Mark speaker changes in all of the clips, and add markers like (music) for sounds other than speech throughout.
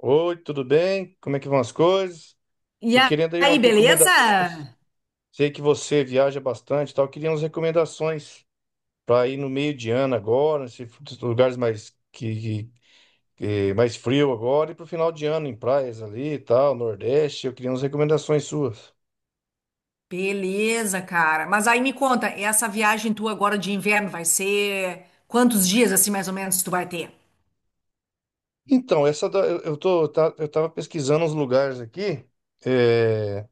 Speaker 1: Oi, tudo bem? Como é que vão as coisas?
Speaker 2: E
Speaker 1: Tô querendo aí umas
Speaker 2: aí,
Speaker 1: recomendações.
Speaker 2: beleza?
Speaker 1: Sei que você viaja bastante, e tal. Eu queria umas recomendações para ir no meio de ano agora, nesses lugares mais que- mais frio agora e pro final de ano em praias ali, e tal, Nordeste. Eu queria umas recomendações suas.
Speaker 2: Beleza, cara. Mas aí me conta, essa viagem tua agora de inverno vai ser quantos dias assim mais ou menos tu vai ter?
Speaker 1: Então, essa da- eu tô tá- eu tava pesquisando uns lugares aqui é,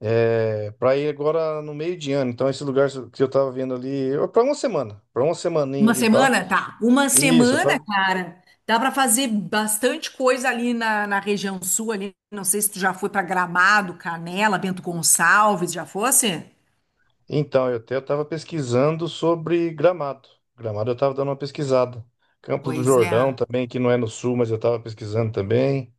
Speaker 1: para ir agora no meio de ano. Então, esse lugar que eu tava vendo ali, para uma semana, para uma semaninha
Speaker 2: Uma
Speaker 1: ali, e tal.
Speaker 2: semana? Tá. Uma
Speaker 1: Isso,
Speaker 2: semana, cara. Dá pra fazer bastante coisa ali na, na região sul ali. Não sei se tu já foi pra Gramado, Canela, Bento Gonçalves, já fosse?
Speaker 1: então, eu até estava pesquisando sobre Gramado. Gramado eu estava dando uma pesquisada. Campos do
Speaker 2: Pois é.
Speaker 1: Jordão também, que não é no sul, mas eu estava pesquisando também.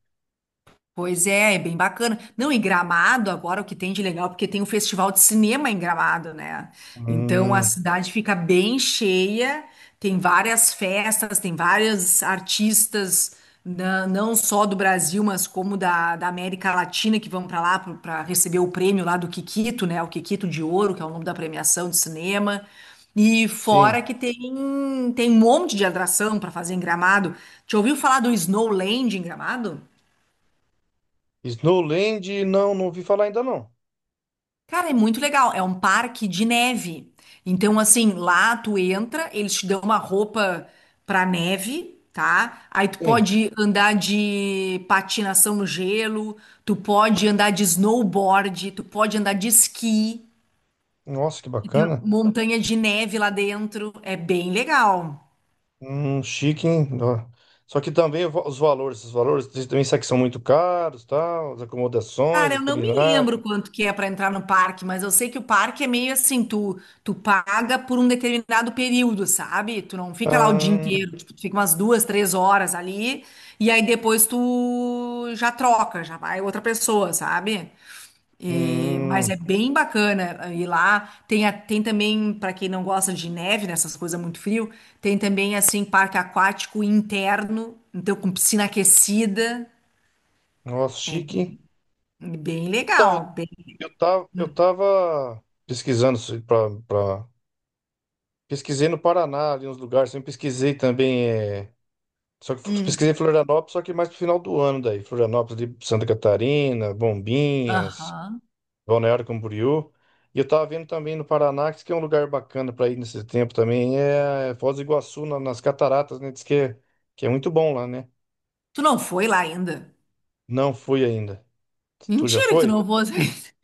Speaker 2: Pois é, é bem bacana. Não, e Gramado agora o que tem de legal, porque tem o festival de cinema em Gramado, né? Então a
Speaker 1: Hum,
Speaker 2: cidade fica bem cheia, tem várias festas, tem vários artistas, não só do Brasil, mas como da, da América Latina, que vão para lá para receber o prêmio lá do Kikito, né? O Kikito de Ouro, que é o nome da premiação de cinema. E
Speaker 1: sim.
Speaker 2: fora que tem, tem um monte de atração para fazer em Gramado. Já ouviu falar do Snowland em Gramado?
Speaker 1: Snowland, não, não ouvi falar ainda não.
Speaker 2: Cara, é muito legal. É um parque de neve. Então, assim, lá tu entra, eles te dão uma roupa pra neve, tá? Aí tu
Speaker 1: Sim.
Speaker 2: pode andar de patinação no gelo, tu pode andar de snowboard, tu pode andar de esqui,
Speaker 1: Nossa, que
Speaker 2: que tem
Speaker 1: bacana.
Speaker 2: montanha de neve lá dentro. É bem legal.
Speaker 1: Chique, hein? Ó. Só que também os valores vocês também sabem que são muito caros, tal, as acomodações,
Speaker 2: Cara,
Speaker 1: a
Speaker 2: eu não me
Speaker 1: culinária.
Speaker 2: lembro quanto que é para entrar no parque, mas eu sei que o parque é meio assim, tu paga por um determinado período, sabe? Tu não fica lá o dia
Speaker 1: Ah,
Speaker 2: inteiro, tipo, tu fica umas duas, três horas ali, e aí depois tu já troca, já vai outra pessoa, sabe? Mas é
Speaker 1: hum.
Speaker 2: bem bacana ir lá. Tem, tem também, para quem não gosta de neve, nessas coisas muito frio, tem também assim parque aquático interno, então com piscina aquecida.
Speaker 1: Nossa,
Speaker 2: É
Speaker 1: chique, hein?
Speaker 2: bem, bem
Speaker 1: Então,
Speaker 2: legal.
Speaker 1: Eu tava pesquisando para pesquisei no Paraná, ali uns lugares, também pesquisei também, é, só que
Speaker 2: Hum.
Speaker 1: pesquisei Florianópolis, só que mais pro final do ano daí, Florianópolis ali, Santa Catarina, Bombinhas,
Speaker 2: Aham.
Speaker 1: Balneário Camboriú. E eu tava vendo também no Paraná, que diz que é um lugar bacana para ir nesse tempo também, é Foz do Iguaçu, nas cataratas, né? Diz que é muito bom lá, né?
Speaker 2: Tu não foi lá ainda?
Speaker 1: Não fui ainda. Tu já
Speaker 2: Mentira que tu
Speaker 1: foi?
Speaker 2: não foi. (laughs)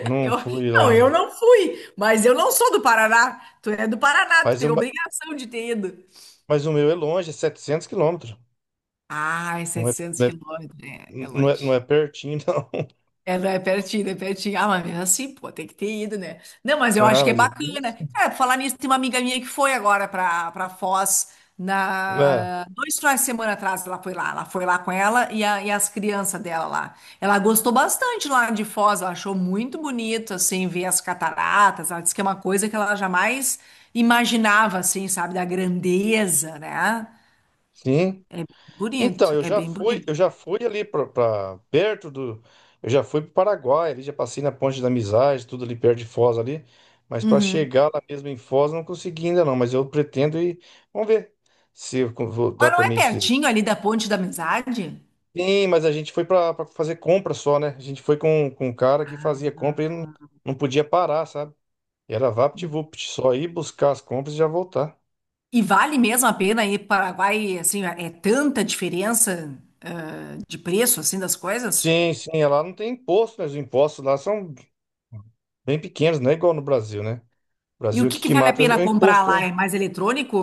Speaker 1: Não
Speaker 2: Eu,
Speaker 1: fui lá
Speaker 2: não, eu
Speaker 1: ainda.
Speaker 2: não fui, mas eu não sou do Paraná. Tu é do Paraná, tu
Speaker 1: Mas,
Speaker 2: tem
Speaker 1: eu-
Speaker 2: obrigação de ter ido.
Speaker 1: mas o meu é longe, é 700 quilômetros.
Speaker 2: Ah, é
Speaker 1: Não é,
Speaker 2: 700
Speaker 1: não é
Speaker 2: quilômetros, é, é
Speaker 1: Não é, não
Speaker 2: longe.
Speaker 1: é pertinho, não. (laughs)
Speaker 2: É, não, é pertinho, é pertinho. Ah, mas mesmo assim, pô, tem que ter ido, né? Não, mas eu
Speaker 1: Ah,
Speaker 2: acho que é
Speaker 1: mas é, bem
Speaker 2: bacana.
Speaker 1: assim.
Speaker 2: Cara, pra falar nisso, tem uma amiga minha que foi agora pra, pra Foz
Speaker 1: É,
Speaker 2: dois finais de semana atrás. Ela foi lá com ela e, e as crianças dela lá. Ela gostou bastante lá de Foz, ela achou muito bonito, assim, ver as cataratas. Ela disse que é uma coisa que ela jamais imaginava, assim, sabe, da grandeza, né?
Speaker 1: sim.
Speaker 2: É bonito,
Speaker 1: Então, eu
Speaker 2: é
Speaker 1: já
Speaker 2: bem
Speaker 1: fui,
Speaker 2: bonito.
Speaker 1: eu já fui ali para perto do, eu já fui para o Paraguai, ali já passei na Ponte da Amizade, tudo ali perto de Foz ali, mas para
Speaker 2: Uhum.
Speaker 1: chegar lá mesmo em Foz não consegui ainda não, mas eu pretendo ir. Vamos ver. Se eu con- vou- dá
Speaker 2: Mas não
Speaker 1: para
Speaker 2: é
Speaker 1: mim se-
Speaker 2: pertinho ali da Ponte da Amizade?
Speaker 1: Sim, mas a gente foi para fazer compra só, né? A gente foi com um cara que fazia compra e não podia parar, sabe? Era VaptVupt, só ir buscar as compras e já voltar.
Speaker 2: E vale mesmo a pena ir para o Paraguai, assim, é tanta diferença de preço, assim, das coisas?
Speaker 1: Sim, sim, é lá não tem imposto, né? Os impostos lá são bem pequenos, não é igual no Brasil, né? No
Speaker 2: E
Speaker 1: Brasil,
Speaker 2: o
Speaker 1: o
Speaker 2: que
Speaker 1: que
Speaker 2: que
Speaker 1: que
Speaker 2: vale a
Speaker 1: mata é o
Speaker 2: pena comprar
Speaker 1: imposto,
Speaker 2: lá?
Speaker 1: né?
Speaker 2: É mais eletrônico?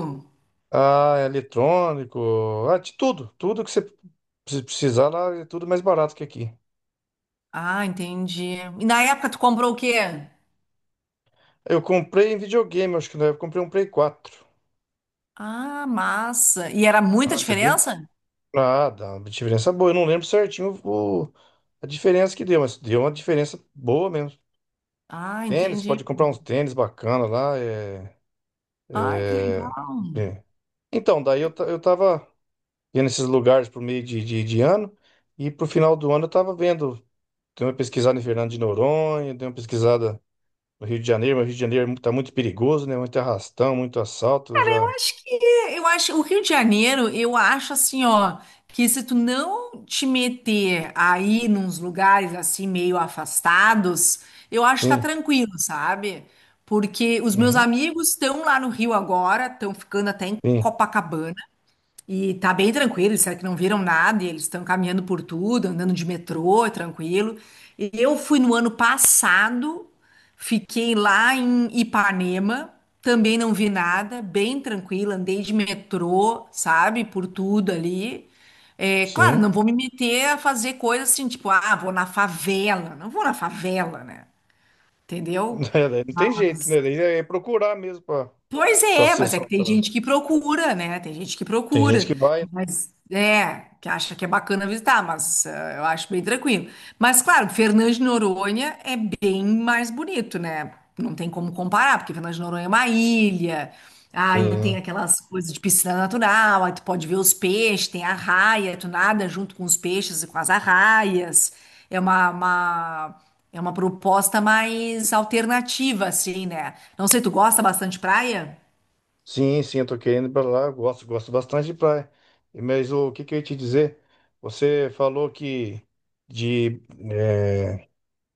Speaker 1: Ah, é eletrônico, ah, de tudo. Tudo que você precisar lá é tudo mais barato que aqui.
Speaker 2: Ah, entendi. E na época tu comprou o quê?
Speaker 1: Eu comprei em videogame, acho que na época eu comprei um Play 4.
Speaker 2: Ah, massa. E era
Speaker 1: Ah,
Speaker 2: muita
Speaker 1: você bem.
Speaker 2: diferença?
Speaker 1: Ah, dá uma diferença boa. Eu não lembro certinho a diferença que deu, mas deu uma diferença boa mesmo.
Speaker 2: Ah,
Speaker 1: Tênis,
Speaker 2: entendi.
Speaker 1: pode comprar uns tênis bacana lá.
Speaker 2: Ah, que
Speaker 1: É...
Speaker 2: legal.
Speaker 1: é. Então, daí eu, ta- eu tava. Ia nesses lugares por meio de ano. E pro final do ano eu tava vendo, dei uma pesquisada em Fernando de Noronha, dei uma pesquisada no Rio de Janeiro, mas o Rio de Janeiro tá muito perigoso, né? Muito arrastão, muito assalto, eu já.
Speaker 2: Acho que eu acho o Rio de Janeiro, eu acho assim, ó, que se tu não te meter aí nos lugares assim meio afastados, eu acho que tá
Speaker 1: Sim,
Speaker 2: tranquilo, sabe? Porque os meus
Speaker 1: uhum,
Speaker 2: amigos estão lá no Rio agora, estão ficando até em
Speaker 1: sim,
Speaker 2: Copacabana. E tá bem tranquilo, eles disseram que não viram nada, e eles estão caminhando por tudo, andando de metrô, é tranquilo. E eu fui no ano passado, fiquei lá em Ipanema, também não vi nada, bem tranquilo, andei de metrô, sabe, por tudo ali. É, claro,
Speaker 1: sim.
Speaker 2: não vou me meter a fazer coisas assim, tipo, ah, vou na favela, não vou na favela, né? Entendeu?
Speaker 1: (laughs) Daí não tem jeito, né? Daí é procurar mesmo pra,
Speaker 2: Pois
Speaker 1: pra
Speaker 2: é,
Speaker 1: ser
Speaker 2: mas é que tem
Speaker 1: assaltado.
Speaker 2: gente que procura, né? Tem gente que
Speaker 1: Tem gente
Speaker 2: procura,
Speaker 1: que vai, né?
Speaker 2: mas é, que acha que é bacana visitar, mas eu acho bem tranquilo. Mas claro, Fernando de Noronha é bem mais bonito, né? Não tem como comparar, porque Fernando de Noronha é uma ilha, ah, e tem
Speaker 1: Sim,
Speaker 2: aquelas coisas de piscina natural, aí tu pode ver os peixes, tem arraia, tu nada junto com os peixes e com as arraias. É uma, é uma proposta mais alternativa, assim, né? Não sei, tu gosta bastante de praia?
Speaker 1: sim, sim, eu tô querendo ir pra lá, eu gosto, gosto bastante de praia. Mas o que que eu ia te dizer? Você falou que de, eh,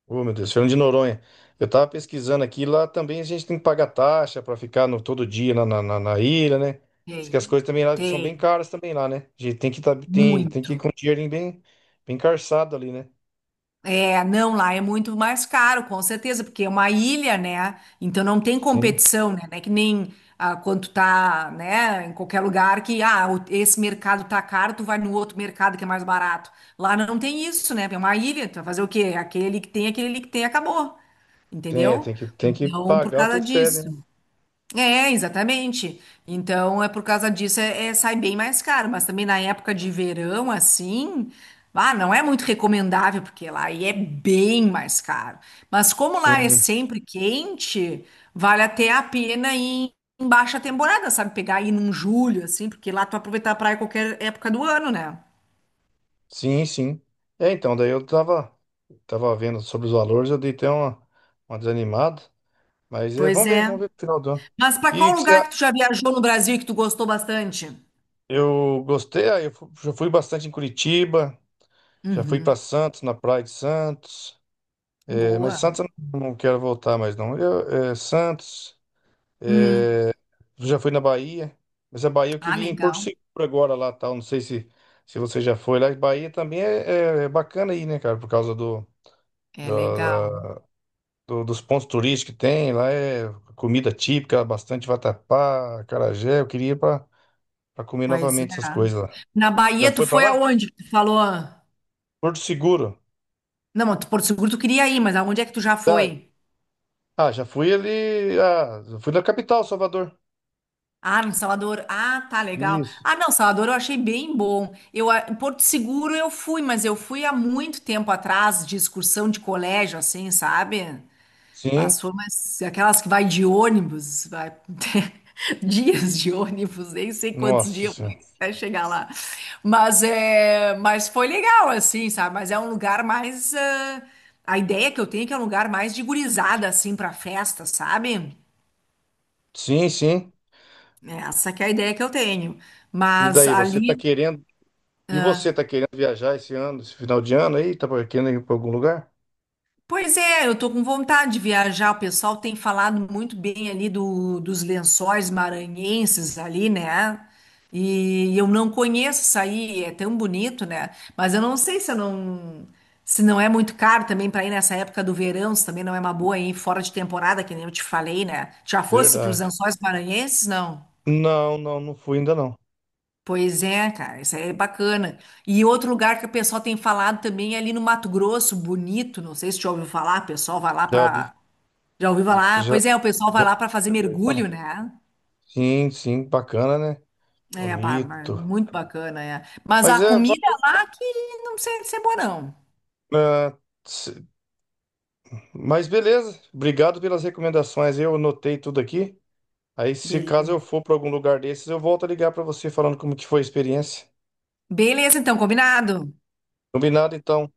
Speaker 1: Ô, meu Deus, Fernando de Noronha. Eu tava pesquisando aqui, lá também a gente tem que pagar taxa para ficar no, todo dia na ilha, né? Diz
Speaker 2: Tem,
Speaker 1: que as coisas também lá são bem
Speaker 2: tem,
Speaker 1: caras também lá, né? A gente tem que ir
Speaker 2: muito.
Speaker 1: com o dinheirinho bem, bem carçado ali, né?
Speaker 2: É, não, lá é muito mais caro, com certeza, porque é uma ilha, né? Então não tem
Speaker 1: Sim,
Speaker 2: competição, né? Não é que nem ah, quando tu tá, né, em qualquer lugar que, ah, esse mercado tá caro, tu vai no outro mercado que é mais barato. Lá não tem isso, né? É uma ilha, tu vai fazer o quê? Aquele que tem, aquele ali que tem, acabou.
Speaker 1: tem, é,
Speaker 2: Entendeu?
Speaker 1: tem que, tem que
Speaker 2: Então, por
Speaker 1: pagar o que
Speaker 2: causa
Speaker 1: eles pedem, né?
Speaker 2: disso. É, exatamente. Então, é por causa disso, é, sai bem mais caro. Mas também na época de verão, assim, ah, não é muito recomendável, porque lá aí é bem mais caro. Mas como lá é
Speaker 1: Sim,
Speaker 2: sempre quente, vale até a pena ir em baixa temporada, sabe? Pegar ir num julho, assim, porque lá tu aproveitar a praia qualquer época do ano, né?
Speaker 1: sim, sim. É, então, daí eu tava vendo sobre os valores, eu dei até uma desanimada, mas é,
Speaker 2: Pois
Speaker 1: vamos
Speaker 2: é.
Speaker 1: ver no final do ano.
Speaker 2: Mas para
Speaker 1: E
Speaker 2: qual
Speaker 1: o que você,
Speaker 2: lugar
Speaker 1: a-
Speaker 2: que tu já viajou no Brasil e que tu gostou bastante?
Speaker 1: eu gostei, já fui bastante em Curitiba. Já fui para
Speaker 2: Uhum.
Speaker 1: Santos, na Praia de Santos. É, mas
Speaker 2: Boa.
Speaker 1: Santos eu não quero voltar mais, não. Eu, Santos.
Speaker 2: Hum.
Speaker 1: é, Já fui na Bahia. Mas a Bahia eu
Speaker 2: Ah,
Speaker 1: queria ir em Porto
Speaker 2: legal.
Speaker 1: Seguro agora lá, tal. Não sei se você já foi lá. Bahia também é bacana aí, né, cara? Por causa do,
Speaker 2: É
Speaker 1: da-
Speaker 2: legal.
Speaker 1: da- do- dos pontos turísticos que tem. Lá é comida típica, bastante vatapá, acarajé. Eu queria ir para comer
Speaker 2: Pois é.
Speaker 1: novamente essas coisas lá.
Speaker 2: Na
Speaker 1: Já
Speaker 2: Bahia, tu
Speaker 1: foi para
Speaker 2: foi
Speaker 1: lá?
Speaker 2: aonde que tu falou?
Speaker 1: Porto Seguro.
Speaker 2: Não, mas tu- Porto Seguro tu queria ir, mas aonde é que tu já
Speaker 1: Tá,
Speaker 2: foi?
Speaker 1: ah, já fui ali. Ah, já fui na capital, Salvador.
Speaker 2: Ah, no Salvador. Ah, tá legal.
Speaker 1: Isso.
Speaker 2: Ah, não, Salvador eu achei bem bom. Eu, em Porto Seguro eu fui, mas eu fui há muito tempo atrás, de excursão de colégio, assim, sabe? As
Speaker 1: Sim.
Speaker 2: formas, aquelas que vai de ônibus, vai ter (laughs) dias de ônibus, nem sei quantos
Speaker 1: Nossa
Speaker 2: dias eu
Speaker 1: Senhora.
Speaker 2: fui até chegar lá. Mas é, mas foi legal assim, sabe? Mas é um lugar mais ah, a ideia que eu tenho é que é um lugar mais de gurizada assim para festa, sabe?
Speaker 1: Sim, sim.
Speaker 2: Essa que é a ideia que eu tenho.
Speaker 1: E
Speaker 2: Mas
Speaker 1: daí, você tá
Speaker 2: ali
Speaker 1: querendo. E você tá querendo viajar esse ano, esse final de ano aí? Tá querendo ir pra algum lugar?
Speaker 2: pois é, eu tô com vontade de viajar. O pessoal tem falado muito bem ali do, dos lençóis maranhenses ali, né? E eu não conheço isso aí, é tão bonito, né? Mas eu não sei se eu não se não é muito caro também para ir nessa época do verão, se também não é uma boa ir fora de temporada, que nem eu te falei, né? Já fosse para os
Speaker 1: Verdade.
Speaker 2: lençóis maranhenses, não?
Speaker 1: Não, não, não fui ainda não.
Speaker 2: Pois é, cara, isso aí é bacana. E outro lugar que o pessoal tem falado também é ali no Mato Grosso, bonito, não sei se já ouviu falar, o pessoal vai lá
Speaker 1: Já vi.
Speaker 2: para já ouvi falar?
Speaker 1: Já,
Speaker 2: Pois é, o pessoal vai
Speaker 1: já...
Speaker 2: lá para fazer
Speaker 1: fala.
Speaker 2: mergulho, né?
Speaker 1: Sim, sim, bacana, né?
Speaker 2: É, pá, mas
Speaker 1: Bonito.
Speaker 2: muito bacana, é. Mas
Speaker 1: Mas
Speaker 2: a
Speaker 1: é. va-
Speaker 2: comida lá que não sei se é boa, não.
Speaker 1: ah, se- Mas beleza. Obrigado pelas recomendações. Eu anotei tudo aqui. Aí, se
Speaker 2: Beleza.
Speaker 1: caso eu for para algum lugar desses, eu volto a ligar para você falando como que foi a experiência.
Speaker 2: Beleza, então, combinado.
Speaker 1: Combinado, então.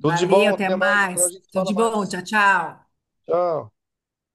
Speaker 1: Tudo de bom,
Speaker 2: até
Speaker 1: até mais. Outra hora a
Speaker 2: mais.
Speaker 1: gente
Speaker 2: Tudo
Speaker 1: fala
Speaker 2: de bom, tchau,
Speaker 1: mais.
Speaker 2: tchau.
Speaker 1: Tchau.